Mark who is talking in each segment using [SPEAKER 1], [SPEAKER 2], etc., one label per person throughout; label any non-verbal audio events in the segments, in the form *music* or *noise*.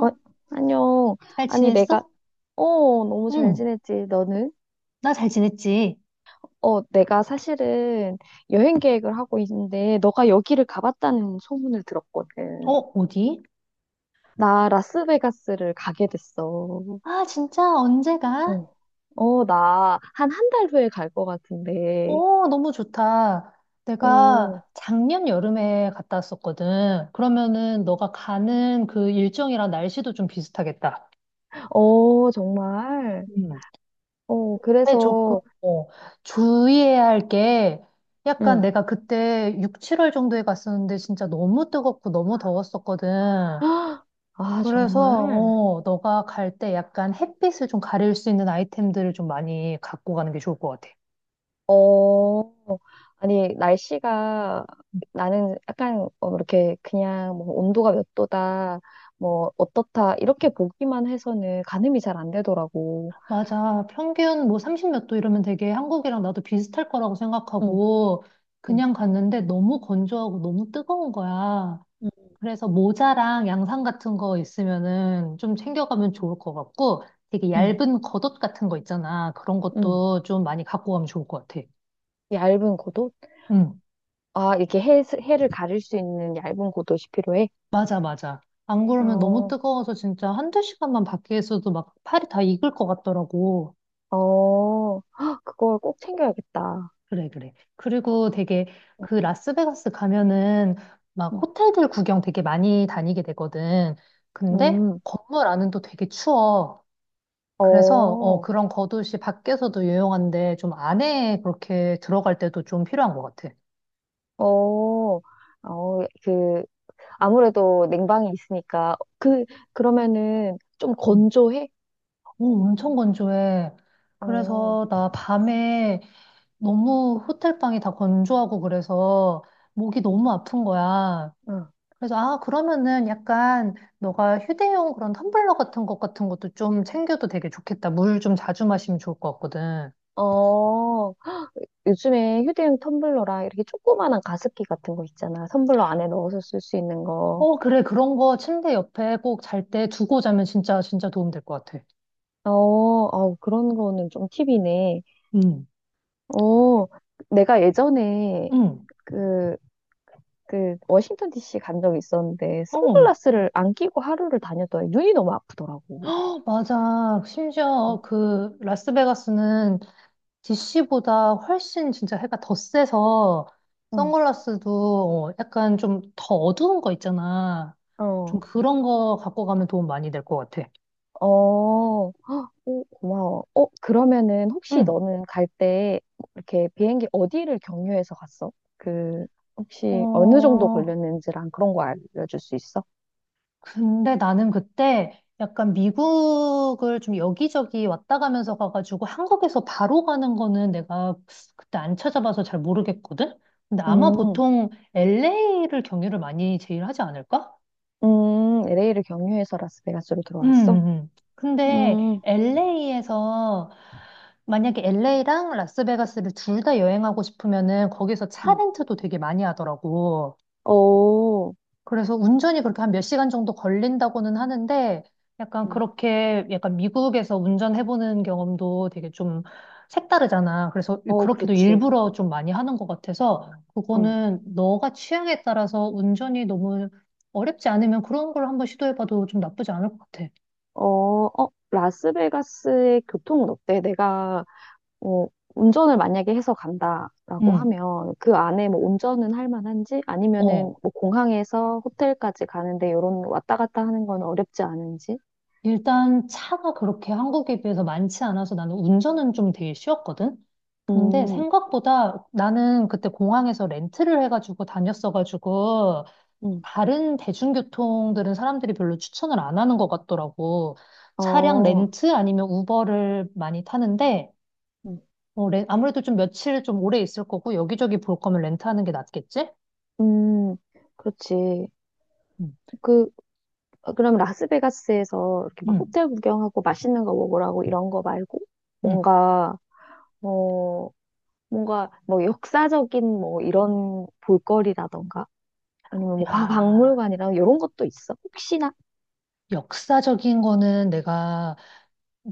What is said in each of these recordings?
[SPEAKER 1] 어, 안녕.
[SPEAKER 2] 잘
[SPEAKER 1] 아니, 내가,
[SPEAKER 2] 지냈어?
[SPEAKER 1] 어, 너무 잘
[SPEAKER 2] 응,
[SPEAKER 1] 지냈지, 너는?
[SPEAKER 2] 나 잘 지냈지.
[SPEAKER 1] 내가 사실은 여행 계획을 하고 있는데, 너가 여기를 가봤다는 소문을
[SPEAKER 2] 어,
[SPEAKER 1] 들었거든.
[SPEAKER 2] 어디?
[SPEAKER 1] 나 라스베가스를 가게 됐어.
[SPEAKER 2] 아, 진짜 언제 가?
[SPEAKER 1] 어, 나 한 한 달 후에 갈 것 같은데.
[SPEAKER 2] 어, 너무 좋다.
[SPEAKER 1] 어,
[SPEAKER 2] 내가 작년 여름에 갔다 왔었거든. 그러면은 너가 가는 그 일정이랑 날씨도 좀 비슷하겠다.
[SPEAKER 1] 어, 정말.
[SPEAKER 2] 음. 근데 조금,
[SPEAKER 1] 그래서.
[SPEAKER 2] 어, 주의해야 할 게 약간
[SPEAKER 1] 응.
[SPEAKER 2] 내가 그때 6, 7월 정도에 갔었는데 진짜 너무 뜨겁고 너무 더웠었거든.
[SPEAKER 1] *gasps* 아,
[SPEAKER 2] 그래서,
[SPEAKER 1] 정말.
[SPEAKER 2] 너가 갈 때 약간 햇빛을 좀 가릴 수 있는 아이템들을 좀 많이 갖고 가는 게 좋을 것 같아.
[SPEAKER 1] 어, 아니, 날씨가 나는 약간 이렇게 그냥 뭐 온도가 몇 도다, 뭐 어떻다, 이렇게 보기만 해서는 가늠이 잘 안 되더라고.
[SPEAKER 2] 맞아. 평균 뭐 30 몇 도 이러면 되게 한국이랑 나도 비슷할 거라고
[SPEAKER 1] 응,
[SPEAKER 2] 생각하고
[SPEAKER 1] 응,
[SPEAKER 2] 그냥 갔는데 너무 건조하고 너무 뜨거운 거야.
[SPEAKER 1] 음.
[SPEAKER 2] 그래서 모자랑 양산 같은 거 있으면은 좀 챙겨가면 좋을 것 같고 되게
[SPEAKER 1] 응,
[SPEAKER 2] 얇은 겉옷 같은 거 있잖아. 그런
[SPEAKER 1] 응.
[SPEAKER 2] 것도 좀 많이 갖고 가면 좋을 것 같아.
[SPEAKER 1] 얇은 고도?
[SPEAKER 2] 응.
[SPEAKER 1] 아, 이렇게 해를 가릴 수 있는 얇은 고도시 필요해?
[SPEAKER 2] 맞아, 맞아. 안 그러면 너무
[SPEAKER 1] 어,
[SPEAKER 2] 뜨거워서 진짜 한두 시간만 밖에 있어도 막 팔이 다 익을 것 같더라고.
[SPEAKER 1] 어, 헉, 그걸 꼭 챙겨야겠다.
[SPEAKER 2] 그래, 그래. 그리고 되게
[SPEAKER 1] 어,
[SPEAKER 2] 그 라스베가스 가면은 막
[SPEAKER 1] 응,
[SPEAKER 2] 호텔들 구경 되게 많이 다니게 되거든. 근데
[SPEAKER 1] 음,
[SPEAKER 2] 건물 안은 또 되게 추워. 그래서
[SPEAKER 1] 어,
[SPEAKER 2] 그런 겉옷이 밖에서도 유용한데 좀 안에 그렇게 들어갈 때도 좀 필요한 것 같아.
[SPEAKER 1] 어, 어, 그, 아무래도 냉방이 있으니까 그러면은 좀
[SPEAKER 2] 음.
[SPEAKER 1] 건조해?
[SPEAKER 2] 오, 엄청 건조해.
[SPEAKER 1] 어,
[SPEAKER 2] 그래서 나 밤에 너무 호텔방이 다 건조하고 그래서 목이
[SPEAKER 1] 응,
[SPEAKER 2] 너무 아픈 거야.
[SPEAKER 1] 응.
[SPEAKER 2] 그래서 아, 그러면은 약간 너가 휴대용 그런 텀블러 같은 것도 좀 챙겨도 되게 좋겠다. 물 좀 자주 마시면 좋을 것 같거든.
[SPEAKER 1] 어, 요즘에 휴대용 텀블러랑 이렇게 조그만한 가습기 같은 거 있잖아. 텀블러 안에 넣어서 쓸 수 있는 거.
[SPEAKER 2] 어, 그래. 그런 거 침대 옆에 꼭 잘 때 두고 자면 진짜, 진짜 도움 될 것 같아.
[SPEAKER 1] 어, 어, 그런 거는 좀 팁이네.
[SPEAKER 2] 응,
[SPEAKER 1] 어, 내가 예전에
[SPEAKER 2] 응.
[SPEAKER 1] 그, 워싱턴 DC 간 적이 있었는데,
[SPEAKER 2] 어, 어,
[SPEAKER 1] 선글라스를 안 끼고 하루를 다녔더니 눈이 너무 아프더라고.
[SPEAKER 2] 맞아.
[SPEAKER 1] 어,
[SPEAKER 2] 심지어 그 라스베가스는 DC보다 훨씬 진짜 해가 더 세서
[SPEAKER 1] 응,
[SPEAKER 2] 선글라스도 약간 좀 더 어두운 거 있잖아. 좀
[SPEAKER 1] 어.
[SPEAKER 2] 그런 거 갖고 가면 도움 많이 될 것 같아.
[SPEAKER 1] 어, 헉, 오 고마워. 그러면은 혹시
[SPEAKER 2] 응.
[SPEAKER 1] 너는 갈 때 이렇게 비행기 어디를 경유해서 갔어? 혹시 어느 정도
[SPEAKER 2] 어,
[SPEAKER 1] 걸렸는지랑 그런 거 알려줄 수 있어?
[SPEAKER 2] 근데 나는 그때 약간 미국을 좀 여기저기 왔다 가면서 가가지고 한국에서 바로 가는 거는 내가 그때 안 찾아봐서 잘 모르겠거든? 근데 아마
[SPEAKER 1] 음.
[SPEAKER 2] 보통 LA를 경유를 많이 제일 하지 않을까?
[SPEAKER 1] LA를 경유해서 라스베가스로
[SPEAKER 2] 음,
[SPEAKER 1] 들어왔어?
[SPEAKER 2] 근데
[SPEAKER 1] 음,
[SPEAKER 2] LA에서 만약에 LA랑 라스베가스를 둘 다 여행하고 싶으면은 거기서 차
[SPEAKER 1] 응,
[SPEAKER 2] 렌트도 되게 많이 하더라고.
[SPEAKER 1] 어,
[SPEAKER 2] 그래서 운전이 그렇게 한 몇 시간 정도 걸린다고는 하는데 약간
[SPEAKER 1] 음.
[SPEAKER 2] 그렇게 약간 미국에서 운전해보는 경험도 되게 좀 색다르잖아. 그래서
[SPEAKER 1] 어,
[SPEAKER 2] 그렇게도
[SPEAKER 1] 그렇지.
[SPEAKER 2] 일부러 좀 많이 하는 것 같아서
[SPEAKER 1] 어,
[SPEAKER 2] 그거는 너가 취향에 따라서 운전이 너무 어렵지 않으면 그런 걸 한번 시도해봐도 좀 나쁘지 않을 것 같아.
[SPEAKER 1] 어, 라스베가스의 교통은 어때? 내가 어, 운전을 만약에 해서 간다라고
[SPEAKER 2] 응.
[SPEAKER 1] 하면 그 안에 뭐 운전은 할 만한지 아니면은
[SPEAKER 2] 어.
[SPEAKER 1] 뭐 공항에서 호텔까지 가는데 요런 왔다 갔다 하는 건 어렵지 않은지?
[SPEAKER 2] 일단 차가 그렇게 한국에 비해서 많지 않아서 나는 운전은 좀 되게 쉬웠거든? 근데
[SPEAKER 1] 음,
[SPEAKER 2] 생각보다 나는 그때 공항에서 렌트를 해가지고 다녔어가지고
[SPEAKER 1] 음,
[SPEAKER 2] 다른 대중교통들은 사람들이 별로 추천을 안 하는 것 같더라고. 차량
[SPEAKER 1] 어,
[SPEAKER 2] 렌트 아니면 우버를 많이 타는데
[SPEAKER 1] 음.
[SPEAKER 2] 어, 아무래도 좀 며칠 좀 오래 있을 거고 여기저기 볼 거면 렌트하는 게 낫겠지?
[SPEAKER 1] 음, 그렇지.
[SPEAKER 2] 응,
[SPEAKER 1] 그, 그럼 라스베가스에서 이렇게 막
[SPEAKER 2] 응,
[SPEAKER 1] 호텔 구경하고 맛있는 거 먹으라고 이런 거 말고
[SPEAKER 2] 응.
[SPEAKER 1] 뭔가, 어, 뭔가 뭐 역사적인 뭐 이런 볼거리라던가 아니면 뭐
[SPEAKER 2] 야,
[SPEAKER 1] 박물관이랑 이런 것도 있어? 혹시나?
[SPEAKER 2] 역사적인 거는 내가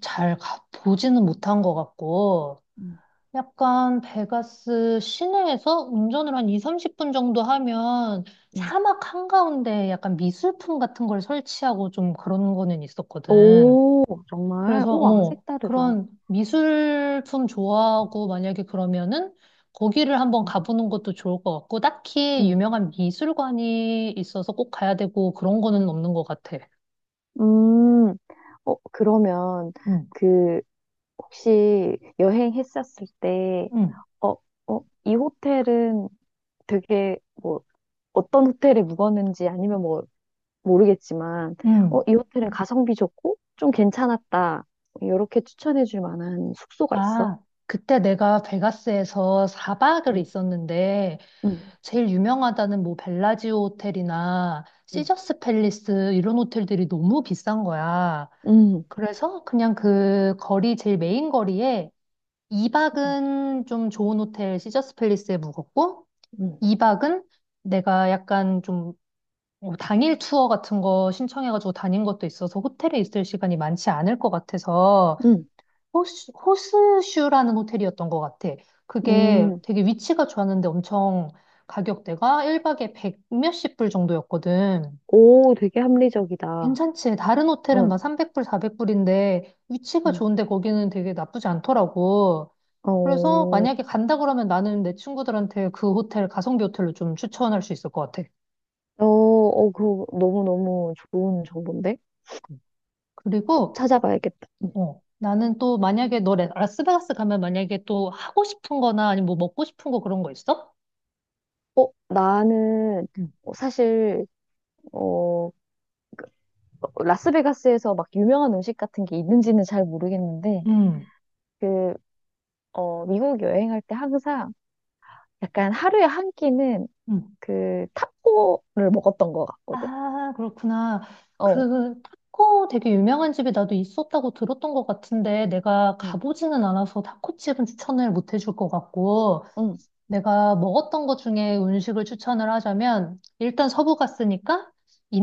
[SPEAKER 2] 잘 보지는 못한 것 같고, 약간 베가스 시내에서 운전을 한 2, 30분 정도 하면
[SPEAKER 1] 음.
[SPEAKER 2] 사막 한가운데 약간 미술품 같은 걸 설치하고 좀 그런 거는 있었거든.
[SPEAKER 1] 오, 정말?
[SPEAKER 2] 그래서,
[SPEAKER 1] 우와, 색다르다.
[SPEAKER 2] 그런 미술품 좋아하고 만약에 그러면은 거기를 한번
[SPEAKER 1] 음,
[SPEAKER 2] 가보는 것도 좋을 것 같고, 딱히
[SPEAKER 1] 음,
[SPEAKER 2] 유명한 미술관이 있어서 꼭 가야 되고 그런 거는 없는 것 같아.
[SPEAKER 1] 음. 그러면,
[SPEAKER 2] 응,
[SPEAKER 1] 그, 혹시 여행했었을 때,
[SPEAKER 2] 응,
[SPEAKER 1] 어, 어, 이 호텔은 되게, 뭐, 어떤 호텔에 묵었는지 아니면 뭐, 모르겠지만,
[SPEAKER 2] 응.
[SPEAKER 1] 이 호텔은 가성비 좋고, 좀 괜찮았다. 뭐 이렇게 추천해 줄 만한 숙소가 있어?
[SPEAKER 2] 아, 그때 내가 베가스에서 4박을
[SPEAKER 1] 음,
[SPEAKER 2] 있었는데,
[SPEAKER 1] 음,
[SPEAKER 2] 제일 유명하다는 뭐 벨라지오 호텔이나
[SPEAKER 1] 음,
[SPEAKER 2] 시저스 팰리스 이런 호텔들이 너무 비싼 거야.
[SPEAKER 1] 음,
[SPEAKER 2] 그래서 그냥 그 거리, 제일 메인 거리에
[SPEAKER 1] 음,
[SPEAKER 2] 2박은 좀 좋은 호텔 시저스 팰리스에 묵었고,
[SPEAKER 1] 음,
[SPEAKER 2] 2박은 내가 약간 좀 당일 투어 같은 거 신청해가지고 다닌 것도 있어서 호텔에 있을 시간이 많지 않을 것 같아서
[SPEAKER 1] 음.
[SPEAKER 2] 호스슈라는 호텔이었던 것 같아. 그게
[SPEAKER 1] 음.
[SPEAKER 2] 되게 위치가 좋았는데 엄청 가격대가 1박에 백 몇십 불 정도였거든.
[SPEAKER 1] 오, 되게 합리적이다.
[SPEAKER 2] 괜찮지. 다른 호텔은
[SPEAKER 1] 응.
[SPEAKER 2] 막 300불, 400불인데 위치가
[SPEAKER 1] 음.
[SPEAKER 2] 좋은데 거기는 되게 나쁘지 않더라고. 그래서
[SPEAKER 1] 어,
[SPEAKER 2] 만약에 간다 그러면 나는 내 친구들한테 그 호텔, 가성비 호텔로 좀 추천할 수 있을 것 같아.
[SPEAKER 1] 어, 어, 그거 너무너무 좋은 정보인데?
[SPEAKER 2] 그리고
[SPEAKER 1] 찾아봐야겠다. 음.
[SPEAKER 2] 나는 또 만약에 너 라스베가스 가면 만약에 또 하고 싶은 거나 아니면 뭐 먹고 싶은 거 그런 거 있어?
[SPEAKER 1] 어, 나는 사실, 어, 라스베가스에서 막 유명한 음식 같은 게 있는지는 잘 모르겠는데,
[SPEAKER 2] 응.
[SPEAKER 1] 그, 미국 여행할 때 항상 약간 하루에 한 끼는
[SPEAKER 2] 음.
[SPEAKER 1] 그 타코를 먹었던 것 같거든?
[SPEAKER 2] 아, 그렇구나.
[SPEAKER 1] 어,
[SPEAKER 2] 그 타코 되게 유명한 집이 나도 있었다고 들었던 것 같은데 내가
[SPEAKER 1] 어,
[SPEAKER 2] 가보지는 않아서 타코집은 추천을 못 해줄 것 같고
[SPEAKER 1] 응,
[SPEAKER 2] 내가 먹었던 것 중에 음식을 추천을 하자면 일단 서부 갔으니까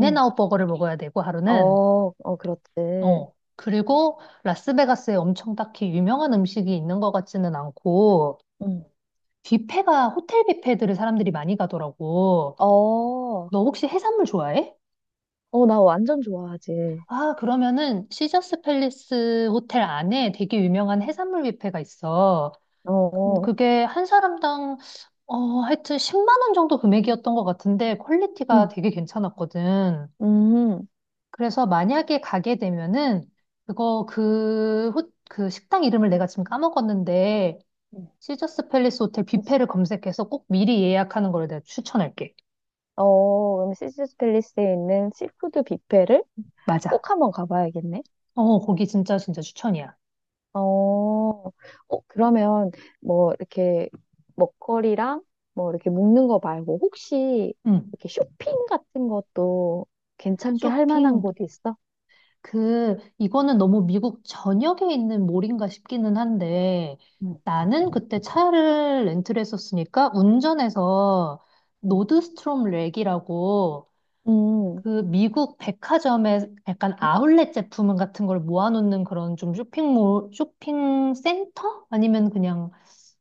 [SPEAKER 1] 응.
[SPEAKER 2] 버거를 먹어야 되고 하루는
[SPEAKER 1] 어, 어, 그렇지.
[SPEAKER 2] 그리고 라스베가스에 엄청 딱히 유명한 음식이 있는 것 같지는 않고
[SPEAKER 1] 응.
[SPEAKER 2] 뷔페가 호텔 뷔페들을 사람들이 많이 가더라고.
[SPEAKER 1] 어,
[SPEAKER 2] 너 혹시 해산물 좋아해?
[SPEAKER 1] 어, 나 완전 좋아하지.
[SPEAKER 2] 아, 그러면은 시저스 팰리스 호텔 안에 되게 유명한 해산물 뷔페가 있어. 근데
[SPEAKER 1] 어,
[SPEAKER 2] 그게 한 사람당 어, 하여튼 10만 원 정도 금액이었던 것 같은데 퀄리티가
[SPEAKER 1] 응.
[SPEAKER 2] 되게 괜찮았거든.
[SPEAKER 1] 음.
[SPEAKER 2] 그래서 만약에 가게 되면은 그거 그 식당 이름을 내가 지금 까먹었는데
[SPEAKER 1] 음.
[SPEAKER 2] 시저스 팰리스 호텔 뷔페를 검색해서 꼭 미리 예약하는 걸 내가 추천할게.
[SPEAKER 1] 어, 시즈스 팰리스에 있는 시푸드 뷔페를
[SPEAKER 2] 맞아.
[SPEAKER 1] 꼭 한번 가봐야겠네.
[SPEAKER 2] 어, 거기 진짜 진짜 추천이야.
[SPEAKER 1] 어, 어, 그러면 뭐 이렇게 먹거리랑 뭐 이렇게 먹는 거 말고 혹시
[SPEAKER 2] 응.
[SPEAKER 1] 이렇게 쇼핑 같은 것도 괜찮게 할 만한
[SPEAKER 2] 쇼핑
[SPEAKER 1] 곳 있어?
[SPEAKER 2] 이거는 너무 미국 전역에 있는 몰인가 싶기는 한데,
[SPEAKER 1] 음,
[SPEAKER 2] 나는 그때 차를 렌트를 했었으니까, 운전해서
[SPEAKER 1] 음.
[SPEAKER 2] 노드스트롬 랙이라고,
[SPEAKER 1] 음,
[SPEAKER 2] 그 미국 백화점에 약간 아울렛 제품 같은 걸 모아놓는 그런 좀 쇼핑몰, 쇼핑 센터? 아니면 그냥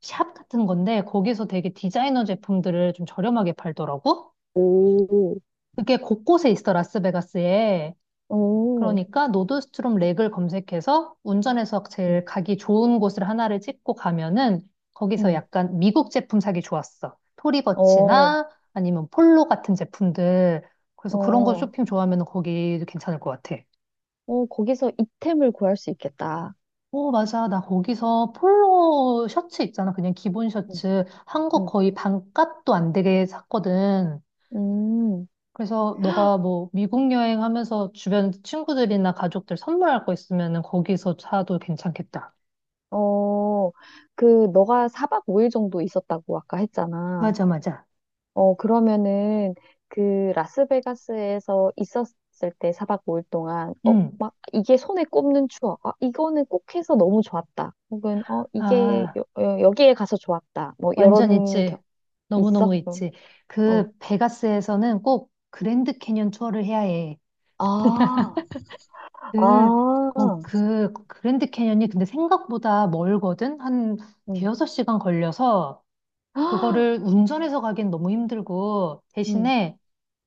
[SPEAKER 2] 샵 같은 건데, 거기서 되게 디자이너 제품들을 좀 저렴하게 팔더라고?
[SPEAKER 1] 오,
[SPEAKER 2] 그게 곳곳에 있어, 라스베가스에.
[SPEAKER 1] 오,
[SPEAKER 2] 그러니까 노드스트롬 렉을 검색해서 운전해서
[SPEAKER 1] 음.
[SPEAKER 2] 제일 가기 좋은 곳을 하나를 찍고 가면은 거기서
[SPEAKER 1] 음,
[SPEAKER 2] 약간 미국 제품 사기 좋았어.
[SPEAKER 1] 어,
[SPEAKER 2] 토리버치나 아니면 폴로 같은 제품들. 그래서 그런 거
[SPEAKER 1] 어,
[SPEAKER 2] 쇼핑 좋아하면 거기 괜찮을 것 같아.
[SPEAKER 1] 어, 거기서 이템을 구할 수 있겠다.
[SPEAKER 2] 오, 맞아. 나 거기서 폴로 셔츠 있잖아. 그냥 기본
[SPEAKER 1] 음.
[SPEAKER 2] 셔츠. 한국
[SPEAKER 1] 음,
[SPEAKER 2] 거의 반값도 안 되게 샀거든.
[SPEAKER 1] 음.
[SPEAKER 2] 그래서 너가 뭐 미국 여행하면서 주변 친구들이나 가족들 선물할 거 있으면은 거기서 사도 괜찮겠다.
[SPEAKER 1] 어, 너가 4박 5일 정도 있었다고 아까 했잖아.
[SPEAKER 2] 맞아, 맞아.
[SPEAKER 1] 그러면은, 라스베가스에서 있었을 때 4박 5일 동안,
[SPEAKER 2] 응.
[SPEAKER 1] 막, 이게 손에 꼽는 추억. 아, 이거는 꼭 해서 너무 좋았다. 혹은, 이게,
[SPEAKER 2] 아,
[SPEAKER 1] 여기에 가서 좋았다. 뭐,
[SPEAKER 2] 완전
[SPEAKER 1] 이런,
[SPEAKER 2] 있지.
[SPEAKER 1] 있어?
[SPEAKER 2] 너무너무
[SPEAKER 1] 그럼.
[SPEAKER 2] 있지.
[SPEAKER 1] 어.
[SPEAKER 2] 그 베가스에서는 꼭 그랜드 캐년 투어를 해야 해.
[SPEAKER 1] 아,
[SPEAKER 2] 그,
[SPEAKER 1] 아,
[SPEAKER 2] 그 그랜드 캐년이 근데 생각보다 멀거든? 한
[SPEAKER 1] 음,
[SPEAKER 2] 대여섯 시간 걸려서 그거를 운전해서 가긴 너무 힘들고
[SPEAKER 1] 음,
[SPEAKER 2] 대신에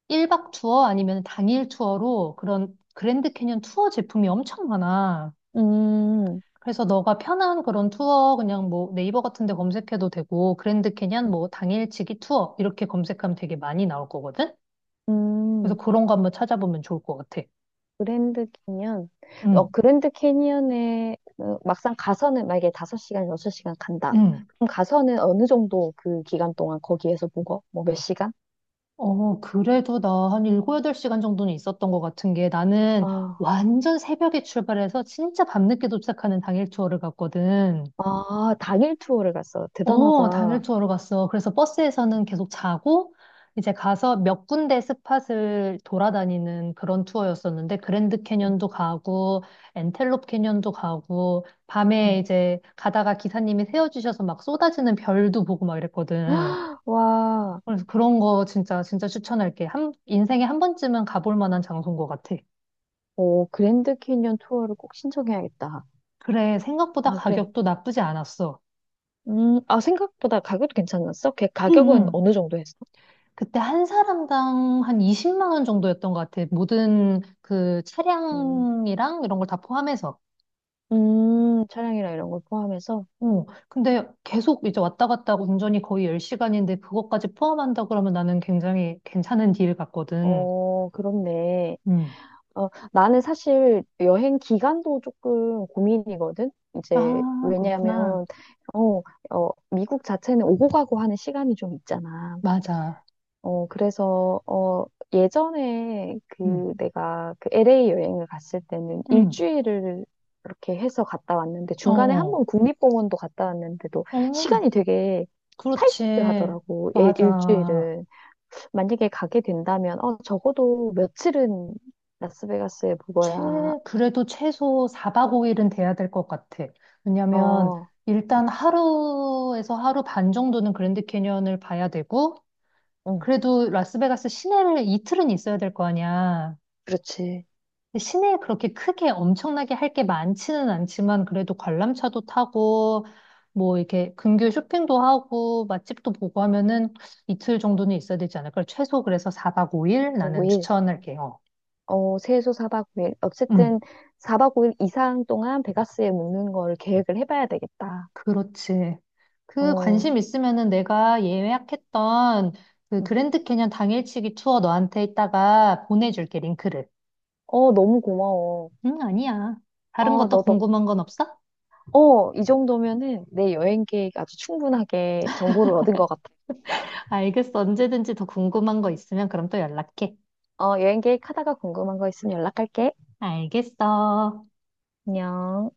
[SPEAKER 2] 1박 투어 아니면 당일 투어로 그런 그랜드 캐년 투어 제품이 엄청 많아.
[SPEAKER 1] 음,
[SPEAKER 2] 그래서 너가 편한 그런 투어 그냥 뭐 네이버 같은 데 검색해도 되고 그랜드 캐니언 뭐 당일치기 투어 이렇게 검색하면 되게 많이 나올 거거든. 그래서
[SPEAKER 1] 음.
[SPEAKER 2] 그런 거 한번 찾아보면 좋을 것 같아.
[SPEAKER 1] 그랜드 캐니언.
[SPEAKER 2] 응,
[SPEAKER 1] 그랜드 캐니언에 막상 가서는 만약에 5시간 6시간 간다.
[SPEAKER 2] 응.
[SPEAKER 1] 그럼 가서는 어느 정도 그 기간 동안 거기에서 묵어? 뭐 몇 시간?
[SPEAKER 2] 어, 그래도 나 한 7, 8시간 정도는 있었던 것 같은 게 나는
[SPEAKER 1] 아,
[SPEAKER 2] 완전 새벽에 출발해서 진짜 밤늦게 도착하는 당일 투어를 갔거든.
[SPEAKER 1] 아, 당일 투어를 갔어.
[SPEAKER 2] 어, 당일
[SPEAKER 1] 대단하다.
[SPEAKER 2] 투어로 갔어. 그래서 버스에서는 계속 자고, 이제 가서 몇 군데 스팟을 돌아다니는 그런 투어였었는데, 그랜드
[SPEAKER 1] 음,
[SPEAKER 2] 캐년도 가고, 엔텔롭 캐년도 가고, 밤에
[SPEAKER 1] 음.
[SPEAKER 2] 이제 가다가 기사님이 세워주셔서 막 쏟아지는 별도 보고 막 이랬거든.
[SPEAKER 1] 와,
[SPEAKER 2] 그래서 그런 거 진짜, 진짜 추천할게. 인생에 한 번쯤은 가볼 만한 장소인 것 같아.
[SPEAKER 1] 오, 그랜드 캐니언 투어를 꼭 신청해야겠다.
[SPEAKER 2] 그래, 생각보다
[SPEAKER 1] 아, 그래.
[SPEAKER 2] 가격도 나쁘지 않았어.
[SPEAKER 1] 아, 생각보다 가격도 괜찮았어? 걔
[SPEAKER 2] 응,
[SPEAKER 1] 가격은
[SPEAKER 2] 응.
[SPEAKER 1] 어느 정도 했어?
[SPEAKER 2] 그때 한 사람당 한 20만 원 정도였던 것 같아. 모든 그
[SPEAKER 1] 음,
[SPEAKER 2] 차량이랑 이런 걸 다 포함해서.
[SPEAKER 1] 차량이랑 이런 걸 포함해서?
[SPEAKER 2] 어, 근데 계속 이제 왔다 갔다 하고 운전이 거의 10시간인데 그것까지 포함한다 그러면 나는 굉장히 괜찮은 딜 같거든.
[SPEAKER 1] 어, 그렇네.
[SPEAKER 2] 음.
[SPEAKER 1] 어, 나는 사실 여행 기간도 조금 고민이거든. 이제
[SPEAKER 2] 아, 그렇구나.
[SPEAKER 1] 왜냐하면 어, 미국 자체는 오고 가고 하는 시간이 좀 있잖아.
[SPEAKER 2] 맞아.
[SPEAKER 1] 어, 그래서 예전에
[SPEAKER 2] 음.
[SPEAKER 1] 그 내가 그 LA 여행을 갔을 때는
[SPEAKER 2] 음.
[SPEAKER 1] 일주일을 이렇게 해서 갔다 왔는데
[SPEAKER 2] 어,
[SPEAKER 1] 중간에 한
[SPEAKER 2] 어.
[SPEAKER 1] 번 국립공원도 갔다 왔는데도
[SPEAKER 2] 어,
[SPEAKER 1] 시간이 되게
[SPEAKER 2] 그렇지.
[SPEAKER 1] 타이트하더라고.
[SPEAKER 2] 맞아.
[SPEAKER 1] 일주일은. 만약에 가게 된다면, 적어도 며칠은 라스베가스에
[SPEAKER 2] 최,
[SPEAKER 1] 묵어야,
[SPEAKER 2] 그래도 최소 4박 5일은 돼야 될 것 같아. 왜냐면
[SPEAKER 1] 어,
[SPEAKER 2] 일단 하루에서 하루 반 정도는 그랜드 캐니언을 봐야 되고,
[SPEAKER 1] 응,
[SPEAKER 2] 그래도 라스베가스 시내를 이틀은 있어야 될 거 아니야.
[SPEAKER 1] 그렇지.
[SPEAKER 2] 근데 시내에 그렇게 크게 엄청나게 할 게 많지는 않지만, 그래도 관람차도 타고, 뭐 이렇게 근교 쇼핑도 하고, 맛집도 보고 하면은 이틀 정도는 있어야 되지 않을까? 최소 그래서 4박 5일 나는
[SPEAKER 1] 5일,
[SPEAKER 2] 추천할게요.
[SPEAKER 1] 최소 4박 5일.
[SPEAKER 2] 음.
[SPEAKER 1] 어쨌든 4박 5일 이상 동안 베가스에 묵는 걸 계획을 해봐야 되겠다.
[SPEAKER 2] 그렇지. 그
[SPEAKER 1] 어,
[SPEAKER 2] 관심 있으면은 내가 예약했던 그
[SPEAKER 1] 응.
[SPEAKER 2] 그랜드 캐년 당일치기 투어 너한테 이따가 보내줄게, 링크를.
[SPEAKER 1] 어, 너무 고마워.
[SPEAKER 2] 응, 아니야. 다른
[SPEAKER 1] 어,
[SPEAKER 2] 것도
[SPEAKER 1] 너 덕,
[SPEAKER 2] 궁금한 건 없어?
[SPEAKER 1] 이 정도면은 내 여행 계획 아주 충분하게 정보를 얻은 것 같아.
[SPEAKER 2] 알겠어. 언제든지 더 궁금한 거 있으면 그럼 또 연락해.
[SPEAKER 1] 여행 계획 하다가 궁금한 거 있으면 연락할게.
[SPEAKER 2] 알겠어.
[SPEAKER 1] 안녕.